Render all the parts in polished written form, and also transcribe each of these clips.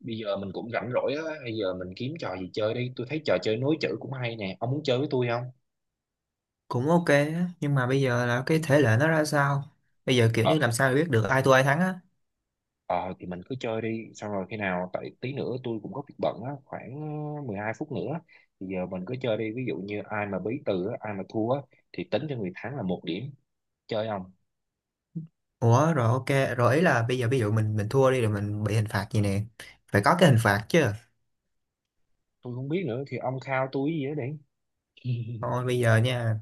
Bây giờ mình cũng rảnh rỗi á, bây giờ mình kiếm trò gì chơi đi. Tôi thấy trò chơi nối chữ cũng hay nè, ông muốn chơi với tôi không? Cũng ok á, nhưng mà bây giờ là cái thể lệ nó ra sao? Bây giờ kiểu Ờ. như làm sao để biết được ai thua ai thắng á? Ờ thì mình cứ chơi đi, xong rồi khi nào, tại tí nữa tôi cũng có việc bận á, khoảng 12 phút nữa. Thì giờ mình cứ chơi đi, ví dụ như ai mà bí từ á, ai mà thua á, thì tính cho người thắng là 1 điểm. Chơi không? Ủa rồi, ok rồi, ý là bây giờ ví dụ mình thua đi rồi mình bị hình phạt gì nè? Phải có cái hình phạt chứ. Tôi không biết nữa, thì ông khao tôi gì đó đi. Thôi bây giờ nha.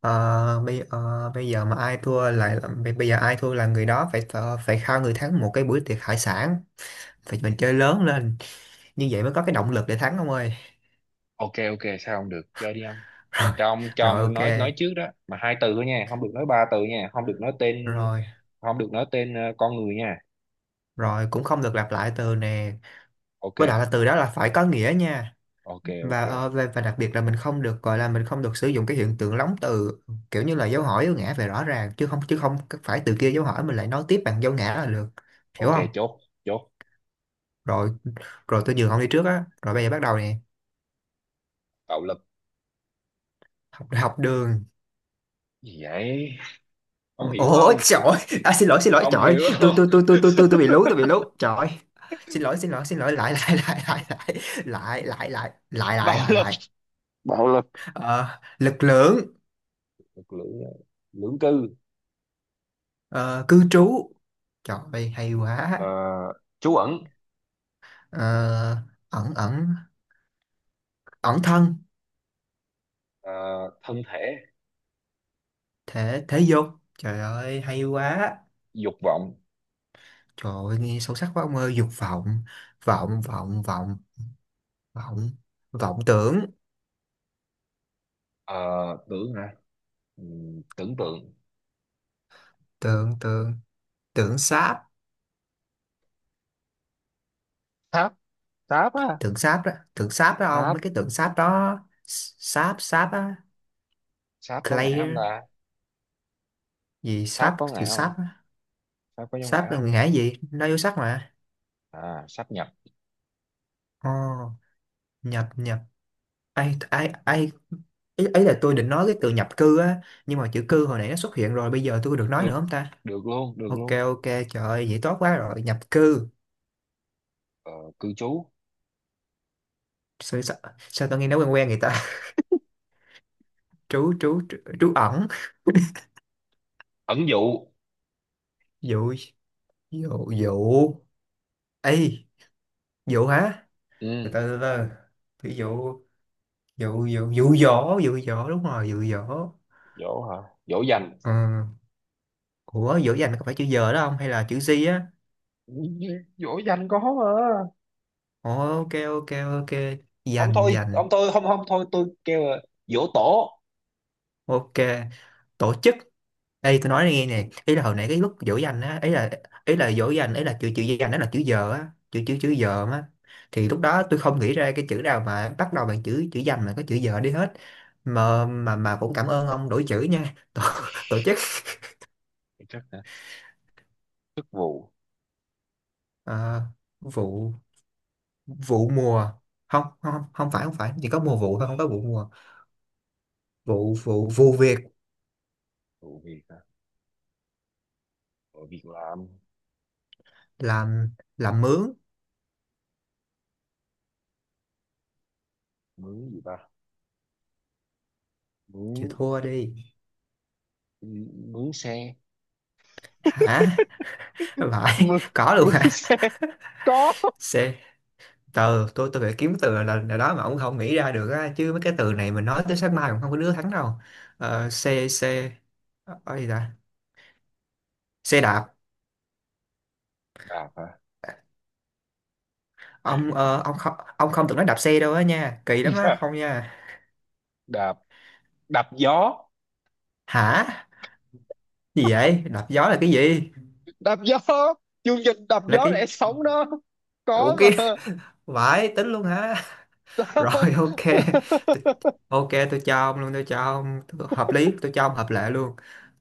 Bây giờ mà ai thua bây giờ ai thua là người đó phải khao người thắng một cái buổi tiệc hải sản. Phải mình chơi lớn lên, như vậy mới có cái động lực để thắng ông ơi. Ok ok, sao không được, chơi đi ông. Rồi. cho ông cho Rồi, ông ok. nói trước đó mà hai từ thôi nha, không được nói ba từ nha, không được nói tên. Rồi. Không được nói tên con người nha. Rồi cũng không được lặp lại từ nè, Ok với lại là từ đó là phải có nghĩa nha. ok. và Ok ờ, và, và đặc biệt là mình không được gọi là mình không được sử dụng cái hiện tượng lóng từ, kiểu như là dấu hỏi dấu ngã về rõ ràng, chứ không phải từ kia dấu hỏi mình lại nói tiếp bằng dấu ngã là được. Hiểu ok không? chốt. Rồi rồi tôi nhường ông đi trước á, rồi bây giờ bắt đầu nè. Bạo lực. Học, học đường. Gì vậy? Ông hiểu Ôi không? trời ơi. À, xin lỗi, xin lỗi, Ông trời ơi. hiểu tôi không? tôi tôi tôi tôi tôi tôi bị lú, tôi bị lú, trời ơi. Xin lỗi, xin lỗi, xin lỗi. Lại, lại, lại, lại, lại, lại, lại, lại, lại, lại, lại, lại, Bạo lại. Ờ, Lực lượng. lực lưỡng. Lưỡng cư. Ờ, Cư trú. Trời ơi, hay Ờ, quá. trú ẩn. Ờ, Ẩn, ẩn, ẩn thân. Ờ, thân thể. Thể, thể dục. Trời ơi, hay quá. Dục vọng. Trời ơi nghe sâu sắc quá ông ơi, dục vọng. Vọng, vọng, vọng, vọng. Vọng tưởng. Ờ, tưởng hả? Tưởng tượng. Tượng, tượng. Tượng sáp. Sáp. Sáp á. Tượng sáp đó, tượng sáp đó ông, mấy Sáp. cái tượng sáp đó. Sáp, sáp á. Sáp có ngã không Clear. ta? Gì Sáp sáp, có từ ngã không? sáp á. Sáp có dấu ngã Sáp là không? ngã gì, nó vô sắc mà. À sáp nhập. Ồ. Nhập, nhập. Ai, ai, ai. Ấy là tôi định nói cái từ nhập cư á, nhưng mà chữ cư hồi nãy nó xuất hiện rồi, bây giờ tôi có được nói nữa không ta? Được luôn, được Ok, luôn. ok, trời ơi vậy tốt quá. Rồi, nhập cư. Ờ, cư trú. Sao tao nghe nó quen quen người ta. Trú, trú, trú, trú ẩn. Ẩn dụ. Dụ, dụ, dụ. Ê, dụ hả? Từ từ từ từ. Ví dụ. Dụ, dụ, dụ dỗ, dụ dỗ, đúng rồi, dụ dỗ. Dỗ hả? Dỗ dành. Ừ. Ủa dỗ dành có phải chữ giờ đó không, hay là chữ gì á? Dỗ dành có mà. Ồ, ok, ok, ok. Ông Dành, thôi, dành. ông thôi, không không, thôi tôi kêu là dỗ tổ. Ok, tổ chức. Ê tôi nói nghe nè, ý là hồi nãy cái lúc dỗ dành á, ý là dỗ dành, ý là chữ chữ dành đó là chữ giờ á, chữ chữ chữ giờ á, thì lúc đó tôi không nghĩ ra cái chữ nào mà bắt đầu bằng chữ chữ dành mà có chữ giờ đi hết. Mà cũng cảm ơn ông đổi chữ nha. Tổ chức. Chắc hả? Chức vụ. ờ, Vụ, vụ mùa. Không, không, không, không phải, không phải, chỉ có mùa vụ thôi, không có vụ mùa. Vụ, vụ, vụ việc Vụ việc hả? Vụ việc làm. làm. Làm mướn. Mướn gì ta? Chịu Mướn. thua đi. Mướn xe. Hả? Phải Mà. có luôn hả? Có. C, từ tôi phải kiếm từ là đó mà ông không nghĩ ra được á, chứ mấy cái từ này mình nói tới sáng mai cũng không có đứa thắng đâu. Xe, xe. Gì ta? Xe đạp. Đạp hả? Ông ông không, ông không từng nói đạp xe đâu á nha, kỳ lắm á, không nha. Đạp. Đạp gió. Hả? Gì vậy, đạp gió là cái gì? Đạp gió, chương trình đạp Là gió lẽ cái, sống đó. Có ủa cái. mà. Vãi, tính luôn hả? Rồi ok. Tôi- ok tôi cho ông luôn, tôi cho ông hợp lý, tôi cho ông hợp lệ luôn.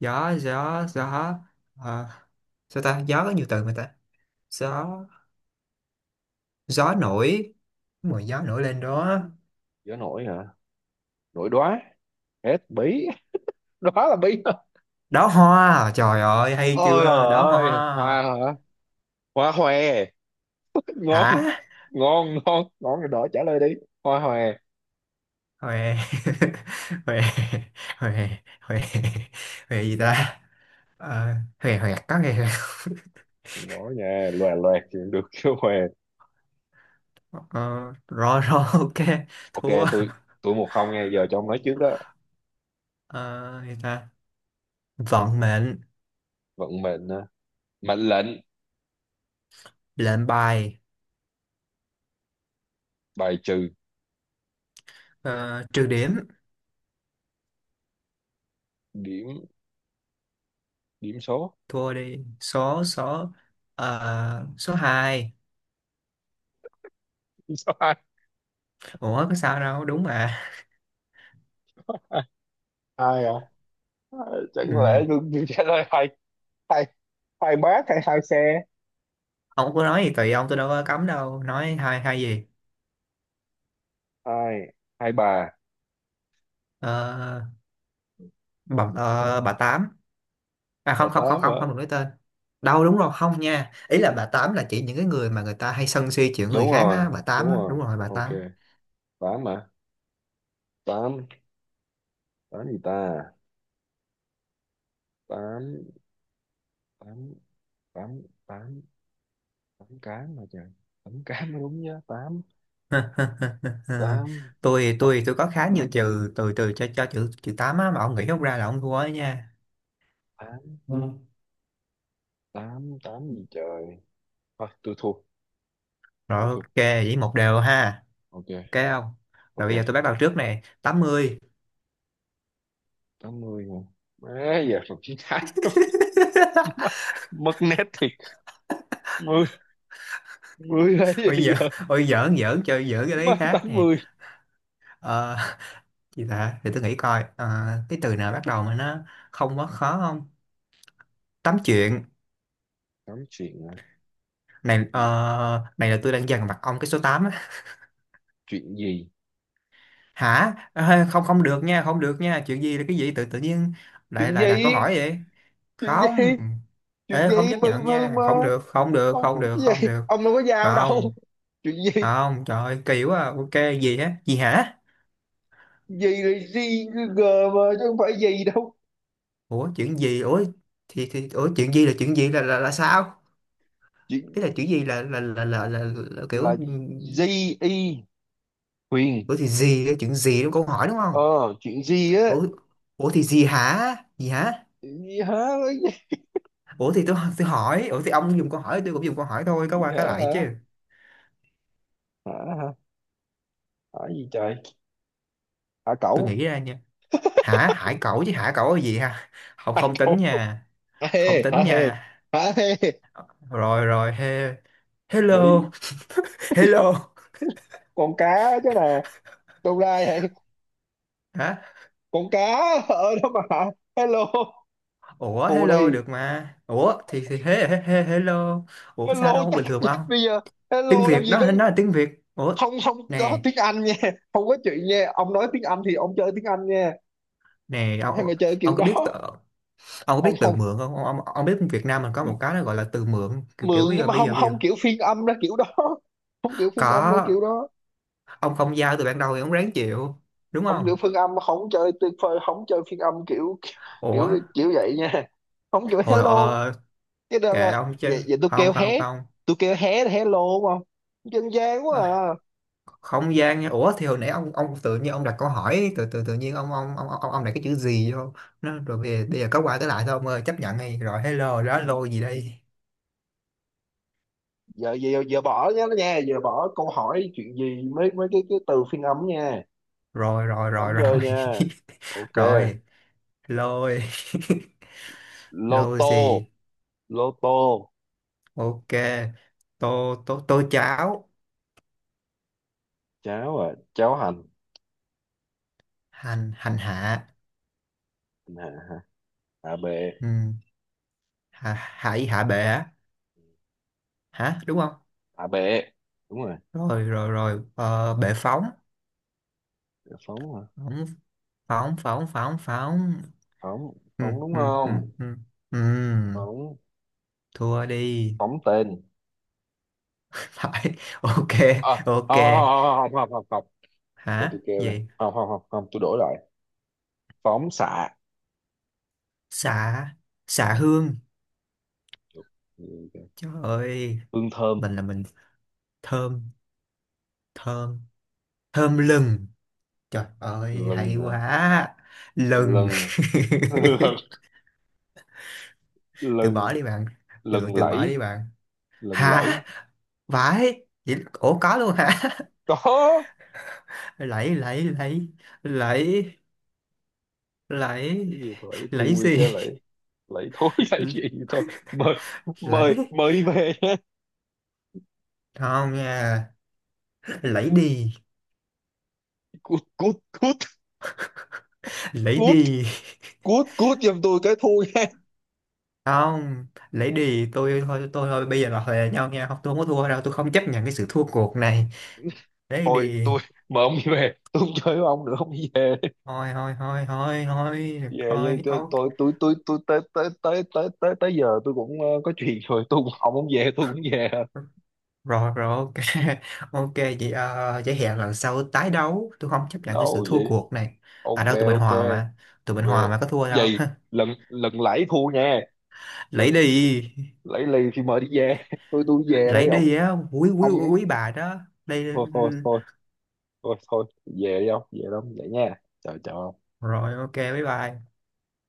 Gió, gió, gió. ờ, Sao ta, gió có nhiều từ mà ta. Gió, gió nổi, mùi gió nổi lên đó. Gió nổi hả? Nổi đóa. Hết bí. Đó là bí. Đóa hoa, trời ơi hay Ôi trời chưa, đóa ơi, hoa. hoa hả? Hoa hòe. Ngon. Hả? Ngon ngon ngon rồi đó, trả lời đi. Hoa hòe. Huề. Huề, huề, huề, huề. Gì ta? Ờ, Huề, huề, có huề, huề. Ngỏ nhà loè loẹt chuyện được chứ hòe. Ờ, Rồi, rồi. Ok. Ok Thua. Tôi 1-0, nghe, giờ cho ông nói trước đó. Ờ, Gì ta? Vận mệnh. Vận mệnh hả? Mệnh lệnh. Lệnh bài. Bài trừ. Ờ, Trừ điểm. Điểm. Điểm số. Thua đi. Số, số. Số 2. Điểm số hai. Ủa có sao đâu, đúng mà. Hai. Hai à? Ờ, chẳng lẽ Ừ. tôi trả lời hai. Hai. Hai bác hay hai xe. Ông cứ nói gì tùy ông, tôi đâu có cấm đâu, nói hai, hai gì. Hai. Hai bà. ờ, bà tám. À Bà không, không, không, tám không, à? không được nói tên. Đâu, đúng rồi, không nha, ý là bà tám là chỉ những cái người mà người ta hay sân si chuyện người Đúng khác rồi. á, bà Đúng tám á, đúng rồi. rồi bà Ok. tám. Tám à? Tám. Tám gì ta? Tám. Tám. Tám tám. Tám cám mà trời. Tám cám mới đúng nhá. Tám. Tám. tôi Ờ, tôi tôi có khá nhiều trừ từ, từ cho chữ, chữ tám á, mà ông nghĩ không ra là ông thua ấy nha. tám. Ừ. Tám tám gì trời. Thôi tôi thua. Rồi Tôi thua. ok, vậy một đều ha. Ok, không? Rồi bây giờ tôi bắt đầu trước nè, tám mươi. 80 mà. Má giờ còn chín tám. Mất nét thì. 10. Mười là cái Ôi gì giỡn. vậy? Ôi giỡn, giỡn chơi, giỡn cái đấy khác tám nè. mươi Ờ, Gì ta, để tôi nghĩ coi. Ờ, cái từ nào bắt đầu mà nó không quá khó không. Tám chuyện. Tám chuyện à? này Chuyện. ờ, này là tôi đang dằn mặt ông cái số 8 á. Chuyện gì? Hả? Ờ, Không, không được nha, không được nha, chuyện gì là cái gì, tự tự nhiên lại Chuyện lại đặt câu gì? hỏi vậy. Chuyện gì? Không. Chuyện Ê, không gì chấp mơ nhận mơ nha, không mơ? được, không được, không được, Cái không gì, được. ông đâu có dao Không, đâu? Chuyện gì? không, trời ơi, kỳ quá à. Ok, gì á, gì hả? Gì là gì g? Mà chứ không phải gì đâu. Ủa chuyện gì ủa? Thì ủa, chuyện gì là chuyện gì, là là sao? Chuyện. Thế là chuyện gì, là là Là. kiểu. Gì y? Huyền. Ủa thì gì, cái chuyện gì, đúng câu hỏi đúng không? Ờ, chuyện gì á. Ủa. Ủa thì gì hả? Gì hả? Chuyện gì hả? Cái. Ủa thì tôi hỏi ủa, thì ông dùng câu hỏi tôi cũng dùng câu hỏi thôi, có Gì qua cái lại hả? chứ. Hả. Hả. Hả gì trời? Hả Tôi cẩu. nghĩ ra nha. Hả, hải cẩu chứ, hả cẩu là gì ha. Không, không tính Cẩu. nha. Hả Không hê, hả tính hê. nha. Hả hê. Rồi rồi, he, hello. Bị. Hello Con cá. Chứ nè. Đâu ra vậy? hả? Con cá. Ở đó mà. Hello. Ủa Phù hello đi. được mà, ủa thì he, he, he, hello. Ủa, sao Hello đâu, tát bình thường chết ông. bây giờ. Tiếng Hello làm Việt gì có. đó, nó là tiếng Việt ủa. Không có Nè. tiếng Anh nha. Không có chuyện nha, ông nói tiếng Anh thì ông chơi tiếng Anh nha. Nè Ai mà ông. chơi kiểu Ông có biết. đó. Ông có Không biết từ không. mượn không ông, biết Việt Nam mình có một cái nó gọi là từ mượn, kiểu kiểu Mượn bây nhưng giờ, mà bây không giờ bây giờ không kiểu phiên âm ra kiểu đó. Không kiểu phiên âm ra Có. kiểu đó. Ông không giao từ ban đầu thì ông ráng chịu. Đúng Ông kiểu không? phiên âm không chơi tuyệt vời, không chơi phiên âm kiểu, kiểu, Ủa kiểu vậy nha. Không kiểu hồi hello. Cái đó kệ là ông chứ, vậy, vậy tôi không, kêu không, hé. không. Tôi kêu hé là hello đúng không? Dân gian quá À, à. không gian nha, ủa thì hồi nãy ông tự nhiên ông đặt câu hỏi, tự tự tự nhiên ông đặt cái chữ gì vô nó, rồi bây giờ có qua tới lại thôi ông ơi, chấp nhận đi. Rồi hello đó, lô gì đây. Giờ giờ giờ bỏ nhá nha, giờ bỏ câu hỏi chuyện gì, mấy mấy cái từ phiên âm nha. Rồi rồi Không rồi Rồi. chơi nha. Ok. Rồi. Lôi. Lô Lôi tô. gì? Lô tô. Ok. Tô, tô, tô cháo. Cháo à? Cháo hành. Hành, hành hạ. À, à bệ. Ừ. Hạ, hải, hạ bệ á, hả, đúng không? À bệ đúng rồi. Rồi, rồi, rồi. Ờ, Bệ Phóng, Phóng hả? phóng, phóng, phóng, phóng, phóng. Ừ, Phóng đúng ừ, ừ, không? ừ. Ừ. Phóng. Thua đi. Phóng tên. Phải. Ok. À, Ok. không không. Không không không không. Để tôi Hả, kêu này, gì? không không không không, tôi đổi lại. Phóng xạ. Xạ. Xạ hương. Trời ơi Hương thơm. mình là mình. Thơm. Thơm. Thơm lừng. Trời ơi hay Lần hả? quá. Lừng. Lần. Lần. Từ bỏ Lần. đi bạn. Từ Lần từ bỏ đi Lẫy. bạn. Lần lẫy. Hả? Vãi vậy, ủa có luôn hả? Có. Lấy, lấy, lấy. Lấy. Lấy. Cái gì vậy, Lấy thui gì? chứ lại. Lại thối. Cái gì. Thôi. Mời. mời Lấy mời đi về nha. không nha. Lấy đi. Cút cút cút. Lấy Cút. đi. Cút cút giùm tôi cái thui nha. Không, lấy đi, tôi thôi, tôi thôi, bây giờ là hòa nhau nha, không tôi không có thua đâu, tôi không chấp nhận cái sự thua cuộc này. Lấy Thôi đi. tôi. Mời ông đi về, tôi không chơi với ông nữa, ông đi về. Thôi, thôi, thôi, thôi, thôi, Đi về đi. thôi. tôi Ok. tôi tôi tôi tôi tới tới tới tới tới tới giờ tôi cũng có chuyện rồi, tôi cũng, ông không về tôi cũng về. Rồi rồi ok. Ok vậy vậy hẹn lần sau tái đấu, tôi không chấp nhận cái sự Đấu thua vậy. cuộc này. À Ok đâu, tụi mình ok. hòa mà. Tụi mình hòa Về. mà, có thua đâu. Vậy lần lần lãi thua nha. Lấy Lần. đi. Lãi lì thì mời đi về. Tôi về Lấy đây ông. đi á, quý, quý, quý bà đó. Đây. Thôi thôi thôi thôi thôi. Về đi ông, về đâu vậy nha. Chào chào ông. Rồi ok, bye bye.